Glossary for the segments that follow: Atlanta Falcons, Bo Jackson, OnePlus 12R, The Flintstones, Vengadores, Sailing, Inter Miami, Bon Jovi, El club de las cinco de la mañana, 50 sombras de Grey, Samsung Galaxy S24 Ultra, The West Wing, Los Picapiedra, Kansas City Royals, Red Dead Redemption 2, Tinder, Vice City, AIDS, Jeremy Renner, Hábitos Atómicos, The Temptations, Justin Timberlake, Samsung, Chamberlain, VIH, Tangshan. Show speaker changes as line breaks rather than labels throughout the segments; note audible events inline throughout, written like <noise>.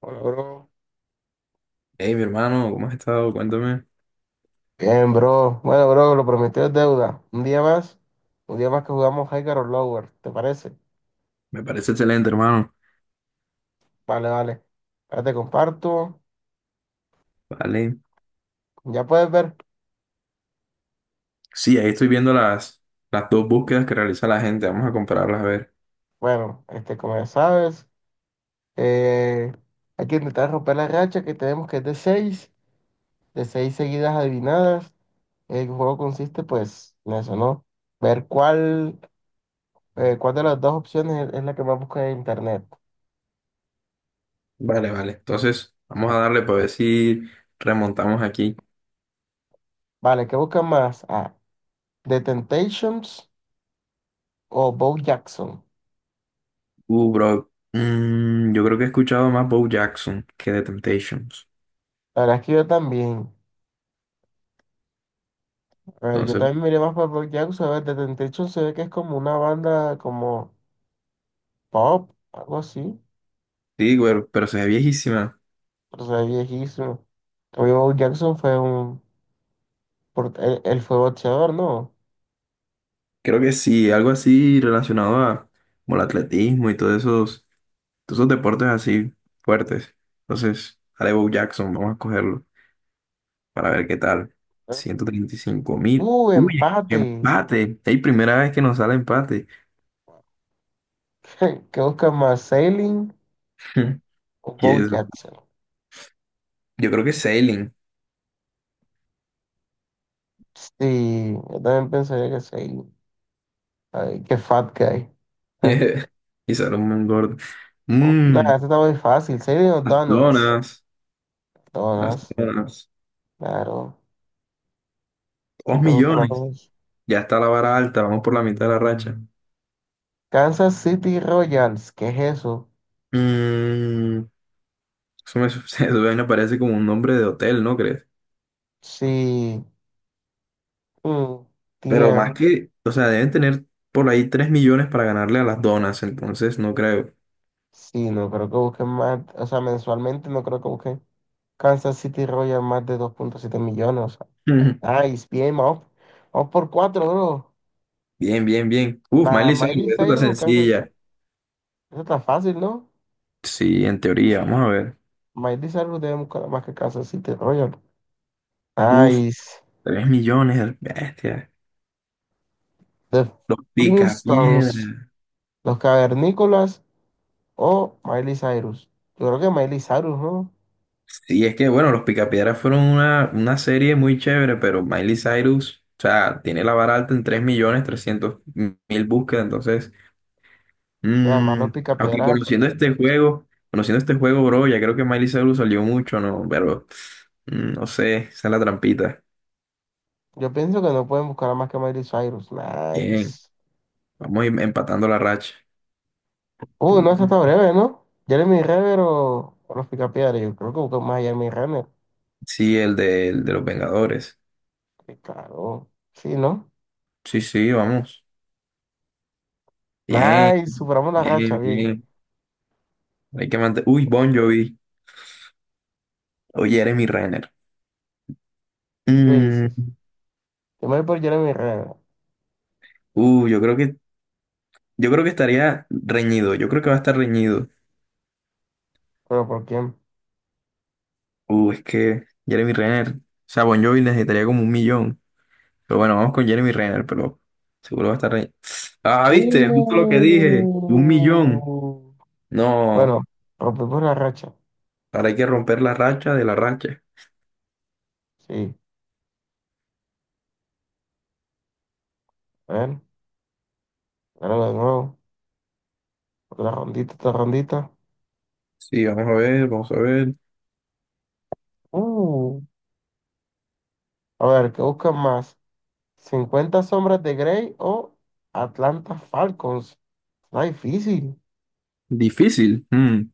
Hola, bro.
Hey, mi hermano, ¿cómo has estado? Cuéntame.
Bien, bro. Bueno, bro, lo prometido es deuda. Un día más que jugamos Higher or Lower, ¿te parece?
Me parece excelente, hermano.
Vale, vale. Ahora te comparto.
Vale.
Ya puedes ver.
Sí, ahí estoy viendo las dos búsquedas que realiza la gente. Vamos a compararlas a ver.
Bueno, este, como ya sabes, eh, hay que intentar romper la racha que tenemos que es de 6, de 6 seguidas adivinadas. El juego consiste, pues, en eso, ¿no? Ver cuál, cuál de las dos opciones es la que más busca en internet.
Vale, vale. Entonces, vamos a darle para ver si remontamos aquí.
Vale, ¿qué buscan más? Ah, The Temptations o Bo Jackson.
Bro. Yo creo que he escuchado más Bo Jackson que The Temptations.
La verdad es que yo también. A ver, yo
Entonces,
también miré más para Black Jackson. A ver, The Temptation se ve que es como una banda como pop, algo así.
sí, güey, pero se ve viejísima.
Pero se ve viejísimo. También Bo Jackson fue un... Él fue boxeador, ¿no?
Creo que sí, algo así relacionado a como el atletismo y todos esos deportes así fuertes. Entonces, haré Bo Jackson, vamos a cogerlo, para ver qué tal.
A ver.
135 mil.
¡Uh,
Uy,
empate!
empate. Es primera vez que nos sale empate.
<laughs> ¿Qué busca más, Sailing
<laughs>
o
Y
Bo
es-
Jackson?
yo creo que es Sailing.
Sí, yo también pensaría que Sailing. Ay, qué fat guy. Ah,
<laughs> Y sale un buen gordo.
oh,
Mm,
nada, esto está muy fácil. Sailing o
las
Donuts.
donas. Las
Donuts,
donas.
claro.
Dos
¿Quién no le gustan las
millones.
dos?
Ya está la vara alta. Vamos por la mitad de la racha.
Kansas City Royals, ¿qué es eso?
Mm, <laughs> Eso me parece como un nombre de hotel, ¿no crees?
Sí, mm,
Pero más
tiem-
que, o sea, deben tener por ahí 3 millones para ganarle a las donas, entonces no creo.
sí, no creo que busquen más, o sea, mensualmente no creo que busquen Kansas City Royals más de 2.7 millones. O
<laughs>
sea. Nice, bien, vamos, vamos por 4, bro.
Bien, bien, bien. Uf,
La
Miley Cyrus,
Miley
esta está
Cyrus o Kansas,
sencilla.
eso está fácil, ¿no?
Sí, en teoría, vamos a ver.
Miley Cyrus debe buscar más que Kansas City Royals.
Uf,
Nice.
3 millones, bestia.
The
Los
Flintstones,
Picapiedra.
Los Cavernícolas o Miley Cyrus. Yo creo que Miley Cyrus, ¿no?
Sí, es que bueno, los Picapiedra fueron una serie muy chévere, pero Miley Cyrus, o sea, tiene la vara alta en 3.300.000 búsquedas, entonces,
O sea, más
mm,
los
aunque
picapiedras.
conociendo este juego, bro, ya creo que Miley Cyrus salió mucho, ¿no? Pero, no sé, esa es la trampita.
Yo pienso que no pueden buscar a más que Miley Cyrus.
Bien,
Nice.
vamos a ir empatando la racha.
No, esa está
Uh.
breve, ¿no? Jeremy Renner o los Picapiedra. Yo creo que buscan más a Jeremy Renner.
Sí, el de los Vengadores.
Sí, claro. Sí, ¿no?
Sí, sí, vamos. Bien,
Nice. Superamos la racha.
bien,
Bien.
bien. Hay que mantener. Uy, Bon Jovi. Oye, Jeremy Renner.
¿Qué dices?
Mm,
Yo me voy por Jeremy Renner.
uh, yo creo que, yo creo que estaría reñido. Yo creo que va a estar reñido.
¿Pero por quién?
Es que Jeremy Renner. O sea, Bon Jovi necesitaría como un millón. Pero bueno, vamos con Jeremy Renner, pero seguro va a estar reñido. Ah, viste, justo lo que dije. Un millón.
Uh.
No,
Bueno, rompimos la racha.
ahora hay que romper la racha de la racha.
Sí. A ver. Ahora de nuevo. Otra rondita, otra rondita.
Sí, vamos a ver, vamos a ver.
Uh. A ver, ¿qué buscan más? ¿50 sombras de Grey o Atlanta Falcons? Está difícil.
Difícil. Mm.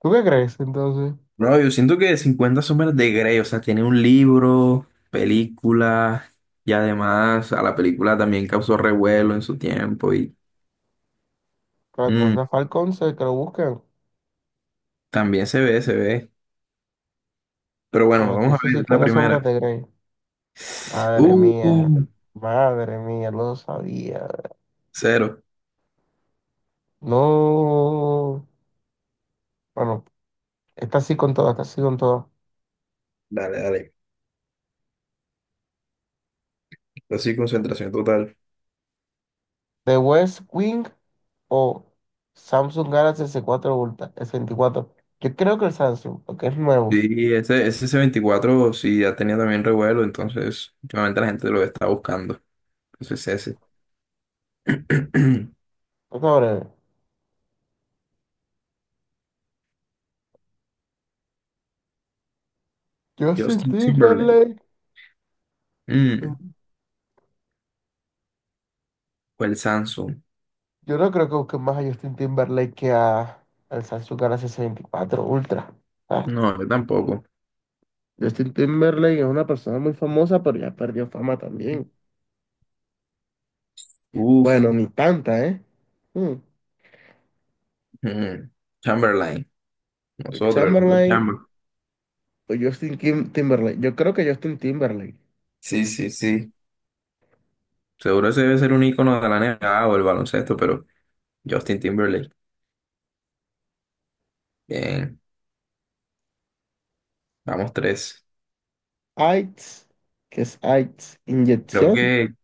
¿Tú qué crees entonces?
Bro, yo siento que 50 sombras de Grey, o sea, tiene un libro, película, y además a la película también causó revuelo en su tiempo y
Que
mm,
Atlanta Falcons que lo busquen.
también se ve. Pero bueno,
Bueno, te
vamos a
dice
ver la
50 sombras
primera.
de Grey. Madre
Uh,
mía.
uh,
Madre mía, lo sabía.
cero.
No. Bueno, está así con todo, está así con todo.
Dale, dale. Así, concentración total.
¿The West Wing o Samsung Galaxy s 4 Ultra? S 24. Yo creo que el Samsung, porque es nuevo.
Sí, ese C24 sí ya tenía también revuelo, entonces últimamente la gente lo está buscando. Entonces ese. <clears throat>
Vamos a ver. Justin
Justin Timberlake.
Timberlake.
Mm. Fue el Samsung.
Yo no creo que busquen más a Justin Timberlake que a, al Samsung Galaxy S24 Ultra. Ah,
No, yo tampoco.
Justin Timberlake es una persona muy famosa, pero ya perdió fama también.
Uf.
Bueno, ni tanta, ¿eh? Mm.
mm, Chamberlain.
El
Nosotros, el hombre
Chamberlain
Chamberlain.
o Justin Timberlake. Yo creo que Justin Timberlake.
Sí, sí, sí. Seguro ese debe ser un icono de la NBA o el baloncesto, pero Justin Timberlake. Bien, vamos tres.
AIDS, ¿qué es AIDS?
Creo
Inyección.
que,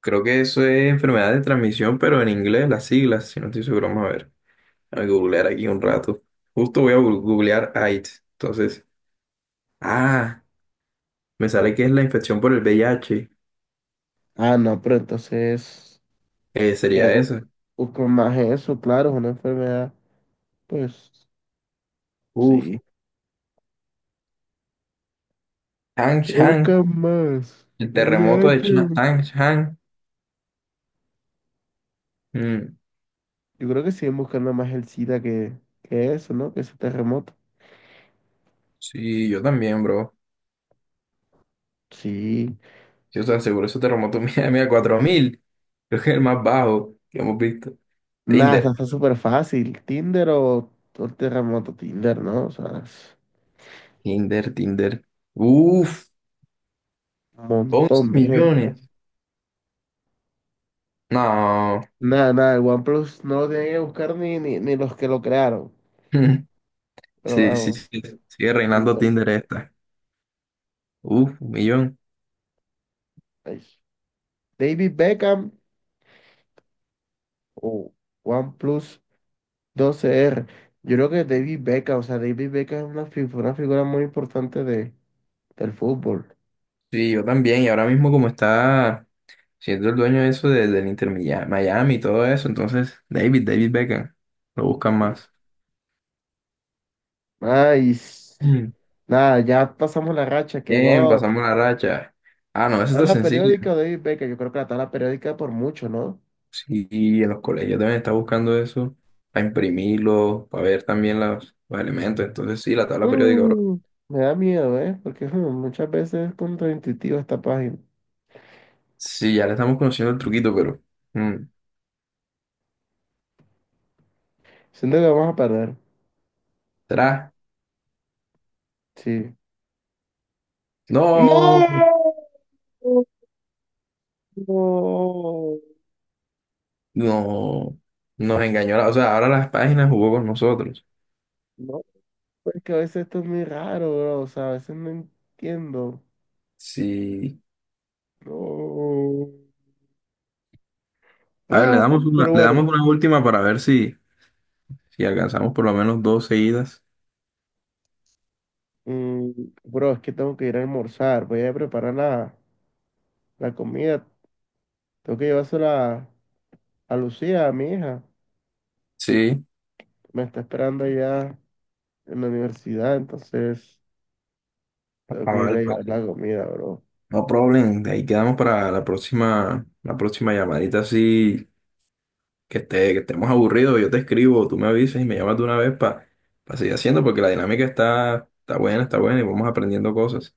creo que eso es enfermedad de transmisión, pero en inglés, las siglas, si no estoy seguro, vamos a ver. Voy a googlear aquí un rato. Justo voy a googlear AIDS. Entonces, ah, me sale que es la infección por el VIH.
Ah, no, pero entonces
Sería
creo que
eso.
buscan más eso, claro, es una enfermedad. Pues
Uf,
sí. ¿Qué
Chang
buscan más?
El terremoto de
VIH,
Tangshan. Mm,
yo creo que siguen buscando más el SIDA que eso, ¿no? Que ese terremoto.
sí, yo también, bro.
Sí.
Yo te aseguro, ese terremoto <laughs> mira, mira, 4.000. Creo que es el más bajo que hemos visto.
Nada,
Tinder,
está súper fácil. Tinder o terremoto Tinder, ¿no? O sea, es
Tinder, Tinder. Uf,
un
11
montón de gente.
millones. No.
Nada, nada, el OnePlus no lo tienen que buscar ni los que lo crearon.
<laughs>
Pero
Sí, sí,
vamos,
sí. Sigue reinando
Tinder.
Tinder esta. Uf, un millón.
Ahí. David Beckham o OnePlus 12R. Yo creo que David Beckham, o sea, David Beckham es una, una figura muy importante de, del fútbol.
Sí, yo también. Y ahora mismo como está siendo el dueño de eso del Inter Miami y todo eso, entonces David Beckham. Lo buscan más.
Ay, nada, ya pasamos la racha, qué
Bien,
god.
pasamos la racha. Ah, no, eso está
Tabla
sencillo.
periódica de David Beckham, yo creo que la tabla periódica por mucho, ¿no?
Sí, en los colegios también está buscando eso para imprimirlo, para ver también los elementos. Entonces, sí, la tabla periódica, bro.
Mm, me da miedo, ¿eh? Porque mm, muchas veces es contraintuitiva esta página.
Sí, ya le estamos conociendo el truquito, pero mm,
Siento que vamos a perder,
¿será?
sí.
No,
¡No! No,
no, nos engañó. O sea, ahora las páginas jugó con nosotros.
no, pues es que a veces esto es muy raro, bro, o sea, a veces no entiendo.
Sí.
No.
A ver, le
Ah,
damos una,
pero
le
bueno,
damos una última para ver si alcanzamos por lo menos dos seguidas.
mm, bro, es que tengo que ir a almorzar, voy a preparar la la comida. Tengo que llevársela a Lucía, a mi hija.
Sí.
Me está esperando allá en la universidad, entonces
Ah,
tengo que ir
vale,
a llevar
vale.
la comida, bro.
No problem, de ahí quedamos para la próxima llamadita así que estemos aburridos, yo te escribo, tú me avisas y me llamas de una vez para seguir haciendo porque la dinámica está buena, está buena y vamos aprendiendo cosas.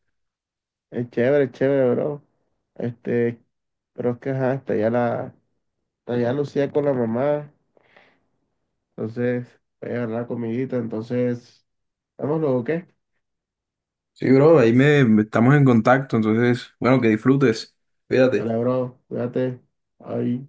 Es chévere, bro. Este, pero es que ajá, está allá la, está allá Lucía con la mamá, entonces voy a llevar la comidita, entonces, vamos luego, ¿qué?
Sí, bro, ahí estamos en contacto, entonces, bueno, que disfrutes. Cuídate.
Dale, bro, cuídate. Ay.